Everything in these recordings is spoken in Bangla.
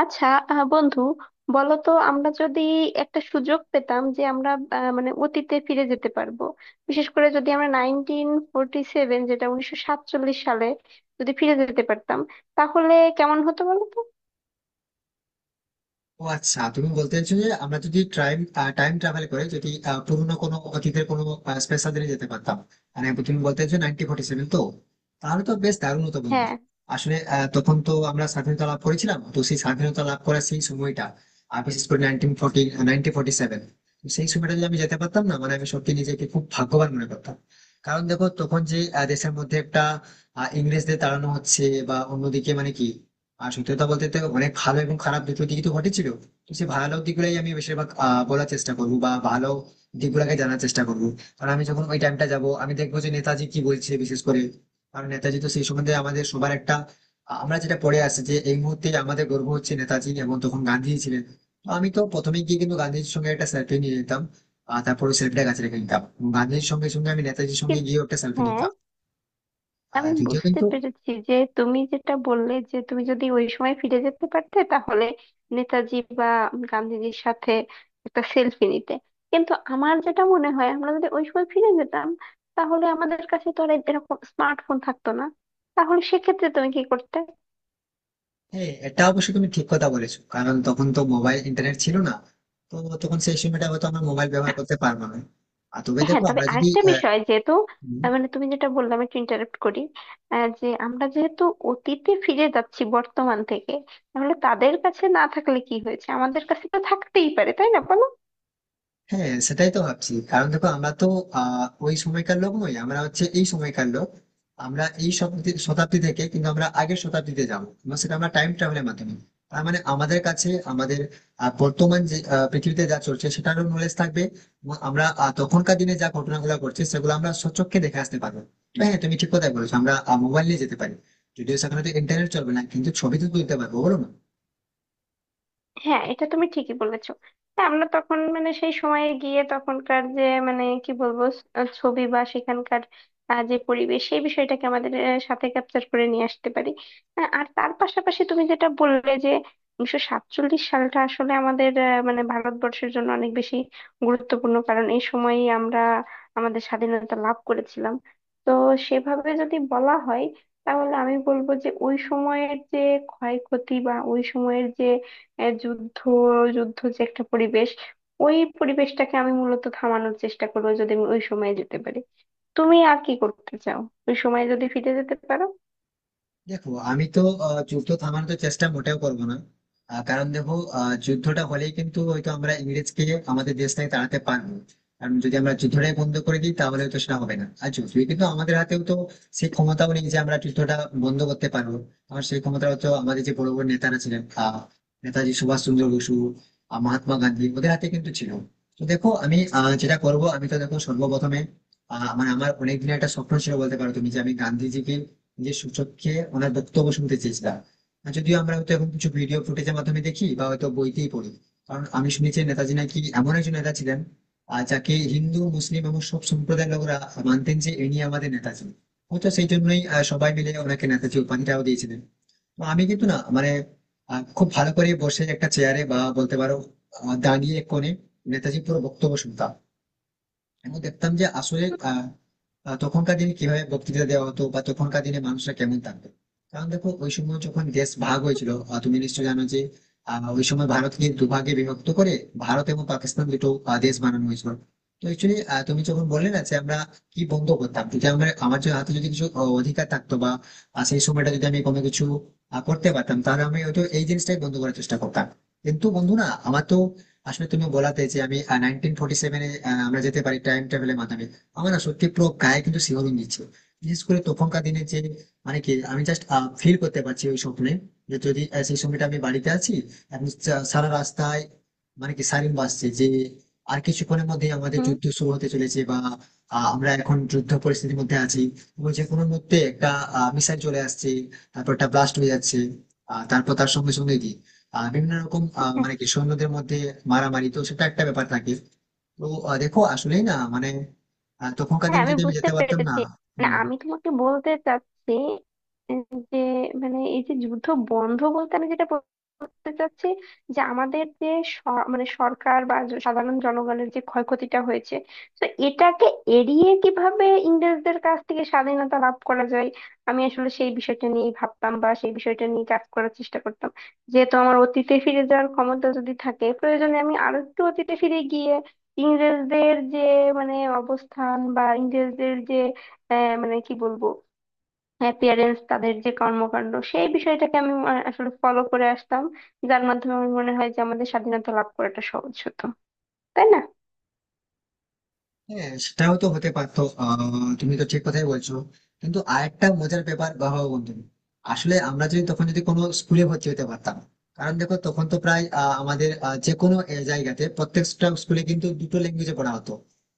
আচ্ছা। বন্ধু, বলো তো, আমরা যদি একটা সুযোগ পেতাম যে আমরা মানে অতীতে ফিরে যেতে পারবো, বিশেষ করে যদি আমরা 1947, যেটা 1947 সালে, যদি ফিরে যেতে পারতাম, তাহলে কেমন হতো বলো তো? ও আচ্ছা, তুমি বলতে চাইছো যে আমরা যদি টাইম টাইম ট্রাভেল করে যদি পুরোনো কোনো অতীতের কোনো স্পেশাল দিনে যেতে পারতাম। মানে তুমি বলতে চাইছো 1947 তো? তাহলে তো বেশ দারুণ হতো বন্ধু। হ্যাঁ। আসলে তখন তো আমরা স্বাধীনতা লাভ করেছিলাম, তো সেই স্বাধীনতা লাভ করার সেই সময়টা, আর বিশেষ করে 1947, সেই সময়টা যদি আমি যেতে পারতাম না, মানে আমি সত্যি নিজেকে খুব ভাগ্যবান মনে করতাম। কারণ দেখো তখন যে দেশের মধ্যে একটা ইংরেজদের তাড়ানো হচ্ছে, বা অন্যদিকে মানে কি। আর সত্যি কথা বলতে তো অনেক ভালো এবং খারাপ দুটো দিকই তো ঘটেছিল, তো সেই ভালো দিকগুলোই আমি বেশিরভাগ বলার চেষ্টা করবো বা ভালো দিকগুলোকে জানার চেষ্টা করবো। কারণ আমি যখন ওই টাইমটা যাব আমি দেখবো যে নেতাজি কি বলছে বিশেষ করে। কারণ নেতাজি তো সেই সম্বন্ধে আমাদের সবার একটা আমরা যেটা পড়ে আসছি যে এই মুহূর্তে আমাদের গর্ব হচ্ছে নেতাজি, এবং তখন গান্ধী ছিলেন। তো আমি তো প্রথমে গিয়ে কিন্তু গান্ধীজির সঙ্গে একটা সেলফি নিয়ে নিতাম, আর তারপরে সেলফিটা কাছে রেখে নিতাম। গান্ধীজির সঙ্গে সঙ্গে আমি নেতাজির সঙ্গে কি- গিয়ে একটা সেলফি হ্যাঁ, নিতাম। আর আমি যদিও বুঝতে কিন্তু পেরেছি যে তুমি যেটা বললে যে তুমি যদি ওই সময় ফিরে যেতে পারতে, তাহলে নেতাজি বা গান্ধীজির সাথে একটা সেলফি নিতে। কিন্তু আমার যেটা মনে হয়, আমরা যদি ওই সময় ফিরে যেতাম, তাহলে আমাদের কাছে তো আর এরকম স্মার্টফোন থাকতো না। তাহলে সেক্ষেত্রে তুমি কি করতে? হ্যাঁ, এটা অবশ্য তুমি ঠিক কথা বলেছো, কারণ তখন তো মোবাইল ইন্টারনেট ছিল না। তো তখন সেই সময়টা হয়তো আমরা মোবাইল ব্যবহার করতে পারবো না। আর তবে হ্যাঁ, দেখো তবে আমরা যদি আরেকটা বিষয় যেহেতু, আহ, মানে তুমি যেটা বললে, আমি একটু ইন্টারাপ্ট করি। যে আমরা যেহেতু অতীতে ফিরে যাচ্ছি বর্তমান থেকে, তাহলে তাদের কাছে না থাকলে কি হয়েছে, আমাদের কাছে তো থাকতেই পারে, তাই না বলো? হ্যাঁ, সেটাই তো ভাবছি। কারণ দেখো আমরা তো ওই সময়কার লোক নই, আমরা হচ্ছে এই সময়কার লোক। আমরা এই শতাব্দী শতাব্দী থেকে কিন্তু আমরা আগের শতাব্দীতে যাবো, এবং সেটা আমরা টাইম ট্রাভেলের মাধ্যমে। তার মানে আমাদের কাছে আমাদের বর্তমান যে পৃথিবীতে যা চলছে সেটারও নলেজ থাকবে, এবং আমরা তখনকার দিনে যা ঘটনাগুলো ঘটছে সেগুলো আমরা স্বচক্ষে দেখে আসতে পারবো। তো হ্যাঁ, তুমি ঠিক কথাই বলেছো, আমরা মোবাইল নিয়ে যেতে পারি। যদিও সেখানে তো ইন্টারনেট চলবে না, কিন্তু ছবি তো তুলতে পারবো বলো না। হ্যাঁ, এটা তুমি ঠিকই বলেছো। তা আমরা তখন মানে সেই সময়ে গিয়ে তখনকার যে মানে কি বলবো, স- আহ ছবি বা সেখানকার যে পরিবেশ, সেই বিষয়টাকে আমাদের সাথে ক্যাপচার করে নিয়ে আসতে পারি। আর তার পাশাপাশি তুমি যেটা বললে যে 1947 সালটা আসলে আমাদের মানে ভারতবর্ষের জন্য অনেক বেশি গুরুত্বপূর্ণ, কারণ এই সময়ই আমরা আমাদের স্বাধীনতা লাভ করেছিলাম। তো সেভাবে যদি বলা হয়, তাহলে আমি বলবো যে ওই সময়ের যে ক্ষয়ক্ষতি বা ওই সময়ের যে যুদ্ধ যুদ্ধ যে একটা পরিবেশ, ওই পরিবেশটাকে আমি মূলত থামানোর চেষ্টা করবো যদি আমি ওই সময়ে যেতে পারি। তুমি আর কি করতে চাও ওই সময়ে যদি ফিরে যেতে পারো? দেখো আমি তো যুদ্ধ থামানোর চেষ্টা মোটেও করবো না। কারণ দেখো যুদ্ধটা হলেই কিন্তু হয়তো আমরা ইংরেজকে আমাদের দেশ থেকে তাড়াতে পারবো। কারণ যদি আমরা যুদ্ধটাই বন্ধ করে দিই তাহলে তো সেটা হবে না, আর যদিও কিন্তু আমাদের হাতেও তো সেই ক্ষমতাও নেই যে আমরা যুদ্ধটা বন্ধ করতে পারবো। কারণ সেই ক্ষমতাও তো আমাদের যে বড় বড় নেতারা ছিলেন নেতাজি সুভাষ চন্দ্র বসু, মহাত্মা গান্ধী, ওদের হাতে কিন্তু ছিল। তো দেখো আমি যেটা করব, আমি তো দেখো সর্বপ্রথমে মানে আমার অনেকদিনের একটা স্বপ্ন ছিল বলতে পারো তুমি, যে আমি গান্ধীজিকে, যে সূচককে ওনার বক্তব্য শুনতে চেয়েছিলাম। আর যদিও আমরা হয়তো এখন কিছু ভিডিও ফুটেজের মাধ্যমে দেখি বা হয়তো বইতেই পড়ি। কারণ আমি শুনেছি নেতাজি নাকি এমন একজন নেতা ছিলেন যাকে হিন্দু, মুসলিম এবং সব সম্প্রদায়ের লোকরা মানতেন যে ইনি আমাদের নেতাজি। হয়তো সেই জন্যই সবাই মিলে ওনাকে নেতাজি উপাধিটাও দিয়েছিলেন। তো আমি কিন্তু না মানে খুব ভালো করে বসে একটা চেয়ারে, বা বলতে পারো দাঁড়িয়ে এক কোণে নেতাজি পুরো বক্তব্য শুনতাম। এবং দেখতাম যে আসলে আহ, আহ, তখনকার দিনে কিভাবে বক্তৃতা দেওয়া হতো বা তখনকার দিনে মানুষরা কেমন থাকতো। কারণ দেখো ওই সময় যখন দেশ ভাগ হয়েছিল, তুমি নিশ্চয়ই জানো যে ওই সময় ভারতকে দুভাগে বিভক্ত করে ভারত এবং পাকিস্তান দুটো দেশ বানানো হয়েছিল। তো অ্যাকচুয়ালি তুমি যখন বললে না যে আমরা কি বন্ধ করতাম, যদি আমার আমার যদি হাতে যদি কিছু অধিকার থাকতো, বা সেই সময়টা যদি আমি কোনো কিছু করতে পারতাম, তাহলে আমি হয়তো এই জিনিসটাই বন্ধ করার চেষ্টা করতাম। কিন্তু বন্ধু না, আমার তো আসলে তুমি বলাতে যে আমি 1947-এ আমরা যেতে পারি টাইম ট্রাভেলের মাধ্যমে, আমার না সত্যি পুরো গায়ে কিন্তু শিহরণ দিচ্ছে। বিশেষ করে তখনকার দিনে যে মানে কি, আমি জাস্ট ফিল করতে পারছি ওই স্বপ্নে, যে যদি সেই সময়টা আমি বাড়িতে আছি এবং সারা রাস্তায় মানে কি সাইরেন বাজছে যে আর কিছুক্ষণের মধ্যে আমাদের হুম। যুদ্ধ শুরু হতে চলেছে, বা আমরা এখন যুদ্ধ পরিস্থিতির মধ্যে আছি, এবং যে কোনো মুহূর্তে একটা মিসাইল চলে আসছে, তারপর একটা ব্লাস্ট হয়ে যাচ্ছে। তারপর তার সঙ্গে সঙ্গে কি বিভিন্ন রকম মানে কি সৈন্যদের মধ্যে মারামারি, তো সেটা একটা ব্যাপার থাকে। তো দেখো আসলেই না মানে তখনকার হ্যাঁ, দিনে আমি যদি আমি বুঝতে যেতে পারতাম না। পেরেছি। মানে হম। আমি তোমাকে বলতে চাচ্ছি, উম, যে, মানে এই যে যুদ্ধ বন্ধ বলতে আমি যেটা বলতে চাচ্ছি যে আমাদের যে স- মানে সরকার বা সাধারণ জনগণের যে ক্ষয়ক্ষতিটা হয়েছে, তো এটাকে এড়িয়ে কিভাবে ইংরেজদের কাছ থেকে স্বাধীনতা লাভ করা যায়, আমি আসলে সেই বিষয়টা নিয়ে ভাবতাম বা সেই বিষয়টা নিয়ে কাজ করার চেষ্টা করতাম। যেহেতু আমার অতীতে ফিরে যাওয়ার ক্ষমতা যদি থাকে, প্রয়োজনে আমি আরো একটু অতীতে ফিরে গিয়ে ইংরেজদের যে মানে অবস্থান, বা ইংরেজদের যে মানে কি বলবো, অ্যাপিয়ারেন্স, তাদের যে কর্মকাণ্ড, সেই বিষয়টাকে আমি আসলে ফলো করে আসতাম, যার মাধ্যমে আমার মনে হয় যে আমাদের স্বাধীনতা লাভ করাটা সহজ হতো, তাই না? হ্যাঁ, সেটাও তো হতে পারতো। তুমি তো ঠিক কথাই বলছো, কিন্তু আরেকটা মজার ব্যাপার বাবা বন্ধু, আসলে আমরা যদি তখন যদি কোনো স্কুলে ভর্তি হতে পারতাম। কারণ দেখো তখন তো প্রায় আমাদের যে কোনো জায়গাতে প্রত্যেকটা স্কুলে কিন্তু দুটো ল্যাঙ্গুয়েজে পড়া হতো।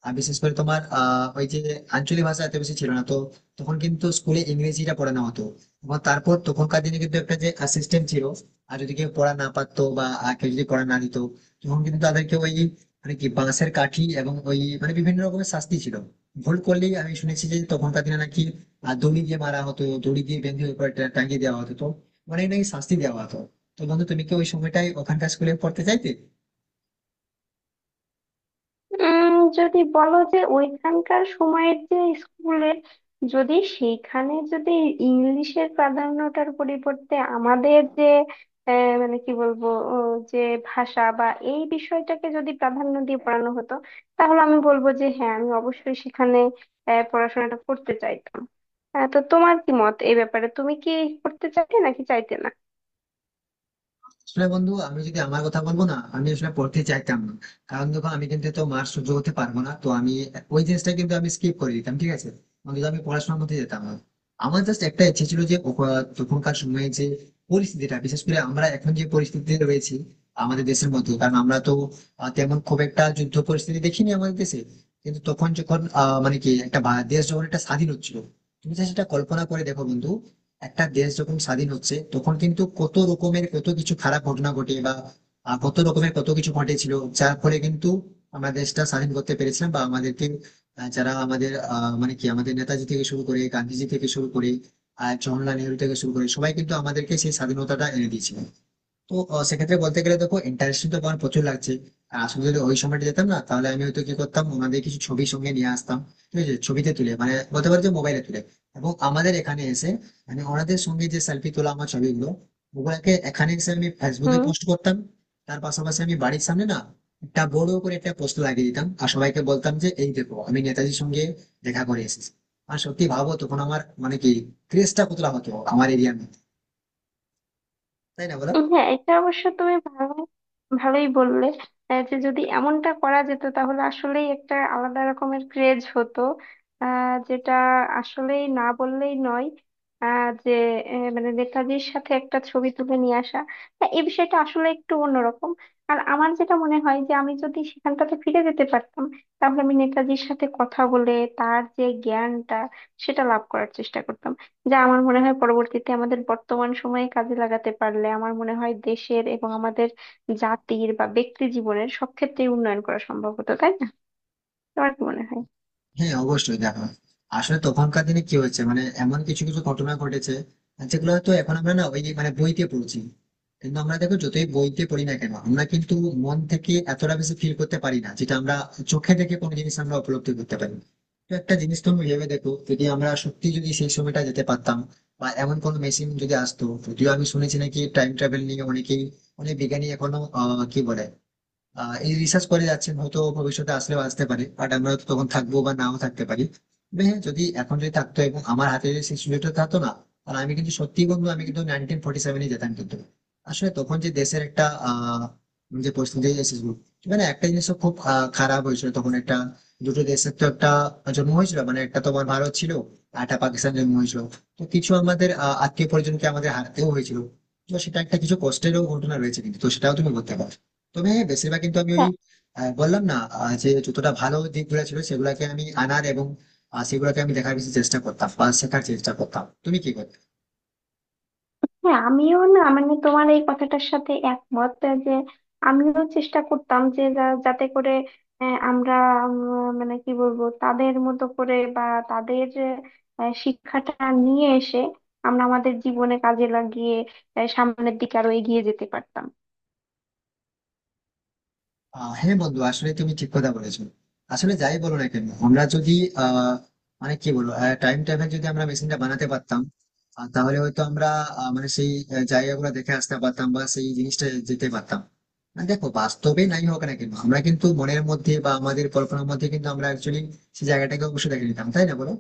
আর বিশেষ করে তোমার ওই যে আঞ্চলিক ভাষা এত বেশি ছিল না, তো তখন কিন্তু স্কুলে ইংরেজিটা পড়ানো হতো। এবং তারপর তখনকার দিনে কিন্তু একটা যে সিস্টেম ছিল, আর যদি কেউ পড়া না পারতো বা কেউ যদি পড়া না নিত, তখন কিন্তু তাদেরকে ওই মানে কি বাঁশের কাঠি এবং ওই মানে বিভিন্ন রকমের শাস্তি ছিল। ভুল করলেই আমি শুনেছি যে তখনকার দিনে নাকি দড়ি দিয়ে মারা হতো, দড়ি দিয়ে বেঁধে উপরে টাঙিয়ে দেওয়া হতো, তো অনেক নাকি শাস্তি দেওয়া হতো। তো বন্ধু, তুমি কি ওই সময়টাই ওখানকার স্কুলে পড়তে চাইতে? যদি বলো যে ওইখানকার সময়ের যে স্কুলের, যদি সেইখানে যদি ইংলিশের প্রাধান্যটার পরিবর্তে আমাদের যে মানে কি বলবো, ও, যে ভাষা বা এই বিষয়টাকে যদি প্রাধান্য দিয়ে পড়ানো হতো, তাহলে আমি বলবো যে হ্যাঁ, আমি অবশ্যই সেখানে পড়াশোনাটা করতে চাইতাম। তো তোমার কি মত এই ব্যাপারে? তুমি কি করতে চাইতে নাকি চাইতে না? আসলে বন্ধু আমি যদি আমার কথা বলবো না, আমি আসলে পড়তে চাইতাম না। কারণ দেখো আমি কিন্তু তো মার সহ্য করতে পারবো না, তো আমি ওই জিনিসটা কিন্তু আমি স্কিপ করে দিতাম, ঠিক আছে। অন্তত আমি পড়াশোনার মধ্যে যেতাম না। আমার জাস্ট একটা ইচ্ছে ছিল যে তখনকার সময়ে যে পরিস্থিতিটা, বিশেষ করে আমরা এখন যে পরিস্থিতিতে রয়েছি আমাদের দেশের মধ্যে, কারণ আমরা তো তেমন খুব একটা যুদ্ধ পরিস্থিতি দেখিনি আমাদের দেশে। কিন্তু তখন যখন মানে কি একটা দেশ যখন একটা স্বাধীন হচ্ছিল, তুমি just সেটা কল্পনা করে দেখো বন্ধু, একটা দেশ যখন স্বাধীন হচ্ছে তখন কিন্তু কত রকমের কত কিছু খারাপ ঘটনা ঘটে, বা কত রকমের কত কিছু ঘটেছিল, যার ফলে কিন্তু আমরা দেশটা স্বাধীন করতে পেরেছিলাম, বা আমাদেরকে যারা আমাদের মানে কি আমাদের নেতাজি থেকে শুরু করে গান্ধীজি থেকে শুরু করে আর জওহরলাল নেহরু থেকে শুরু করে সবাই কিন্তু আমাদেরকে সেই স্বাধীনতাটা এনে দিয়েছিল। তো সেক্ষেত্রে বলতে গেলে দেখো, ইন্টারেস্টিং তো আমার প্রচুর লাগছে। আর আসলে যদি ওই সময়টা যেতাম না, তাহলে আমি হয়তো কি করতাম, ওনাদের কিছু ছবি সঙ্গে নিয়ে আসতাম, ঠিক আছে? ছবিতে তুলে মানে বলতে পারো যে মোবাইলে তুলে, এবং আমাদের এখানে এসে মানে ওনাদের সঙ্গে যে সেলফি তোলা আমার ছবিগুলো, ওগুলাকে এখানে এসে আমি ফেসবুকে হুম। পোস্ট করতাম। তার পাশাপাশি আমি বাড়ির সামনে না একটা বড় করে একটা পোস্ট লাগিয়ে দিতাম, আর সবাইকে বলতাম যে এই দেখো আমি নেতাজির সঙ্গে দেখা করে এসেছি। আর সত্যি ভাবো তখন আমার মানে কি ক্রেজটা কতটা হতো আমার এরিয়ার মধ্যে, তাই না বলো? হ্যাঁ, এটা অবশ্য তুমি ভালো ভালোই বললে। যে যদি এমনটা করা যেত, তাহলে আসলেই একটা আলাদা রকমের ক্রেজ হতো, যেটা আসলেই না বললেই নয়। যে মানে নেতাজির সাথে একটা ছবি তুলে নিয়ে আসা, হ্যাঁ, এই বিষয়টা আসলে একটু অন্যরকম। আর আমার যেটা মনে হয় যে আমি যদি সেখানটাতে ফিরে যেতে পারতাম, তাহলে আমি নেতাজির সাথে কথা বলে তার যে জ্ঞানটা, সেটা লাভ করার চেষ্টা করতাম, যা আমার মনে হয় পরবর্তীতে আমাদের বর্তমান সময়ে কাজে লাগাতে পারলে, আমার মনে হয় দেশের এবং আমাদের জাতির বা ব্যক্তি জীবনের সব ক্ষেত্রেই উন্নয়ন করা সম্ভব হতো, তাই না? তোমার কি মনে হয়? হ্যাঁ, অবশ্যই দেখো, আসলে তখনকার দিনে কি হয়েছে মানে এমন কিছু কিছু ঘটনা ঘটেছে যেগুলো হয়তো এখন আমরা না ওই মানে বইতে পড়ছি। কিন্তু আমরা দেখো যতই বইতে পড়ি না কেন, আমরা কিন্তু মন থেকে এতটা বেশি ফিল করতে পারি না, যেটা আমরা চোখে দেখে কোনো জিনিস আমরা উপলব্ধি করতে পারি। তো একটা জিনিস তুমি ভেবে দেখো, যদি আমরা সত্যি যদি সেই সময়টা যেতে পারতাম বা এমন কোনো মেশিন যদি আসতো, যদিও আমি শুনেছি নাকি টাইম ট্রাভেল নিয়ে অনেকেই, অনেক বিজ্ঞানী এখনো কি বলে এই রিসার্চ করে যাচ্ছেন। হয়তো ভবিষ্যতে আসলেও আসতে পারে, বাট আমরা তো তখন থাকবো বা নাও থাকতে পারি। তবে হ্যাঁ, যদি এখন যদি থাকতো এবং আমার হাতে যদি সেই সুযোগটা থাকতো না, তাহলে আমি কিন্তু সত্যি বন্ধু, আমি হুম। কিন্তু 1947-এ যেতাম কিন্তু। আসলে তখন যে দেশের একটা আহ যে পরিস্থিতি এসেছিল, মানে একটা জিনিস তো খুব খারাপ হয়েছিল তখন, একটা দুটো দেশের তো একটা জন্ম হয়েছিল, মানে একটা তোমার ভারত ছিল আর একটা পাকিস্তান জন্ম হয়েছিল। তো কিছু আমাদের আত্মীয় পরিজনকে আমাদের হারাতেও হয়েছিল, তো সেটা একটা কিছু কষ্টেরও হুম। ঘটনা রয়েছে কিন্তু, তো সেটাও তুমি বলতে পারো। তবে হ্যাঁ, বেশিরভাগ কিন্তু আমি ওই হ্যাঁ। বললাম না যে যতটা ভালো দিকগুলো ছিল সেগুলাকে আমি আনার, এবং সেগুলোকে আমি দেখার বেশি চেষ্টা করতাম বা শেখার চেষ্টা করতাম। তুমি কি করতে? হ্যাঁ, আমিও, না মানে তোমার এই কথাটার সাথে একমত, যে আমিও চেষ্টা করতাম যে যাতে করে আমরা মানে কি বলবো তাদের মতো করে বা তাদের শিক্ষাটা নিয়ে এসে আমরা আমাদের জীবনে কাজে লাগিয়ে সামনের দিকে আরো এগিয়ে যেতে পারতাম। হ্যাঁ বন্ধু, আসলে তুমি ঠিক কথা বলেছো। আসলে যাই বলো না কেন, আমরা যদি আহ মানে কি বলবো, টাইম ট্রাভেল যদি আমরা মেশিনটা বানাতে পারতাম, তাহলে হয়তো আমরা মানে সেই জায়গাগুলো দেখে আসতে পারতাম বা সেই জিনিসটা যেতে পারতাম। আর দেখো বাস্তবে নাই হোক না কেন, আমরা কিন্তু মনের মধ্যে বা আমাদের কল্পনার মধ্যে কিন্তু আমরা অ্যাকচুয়ালি সেই জায়গাটাকে অবশ্যই দেখে নিতাম, তাই না বলো?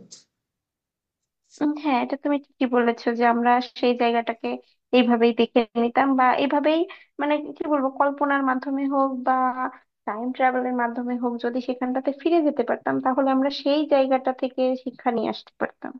হ্যাঁ, এটা তুমি ঠিকই বলেছো যে আমরা সেই জায়গাটাকে এইভাবেই দেখে নিতাম, বা এইভাবেই মানে কি বলবো কল্পনার মাধ্যমে হোক বা টাইম ট্রাভেলের মাধ্যমে হোক, যদি সেখানটাতে ফিরে যেতে পারতাম, তাহলে আমরা সেই জায়গাটা থেকে শিক্ষা নিয়ে আসতে পারতাম।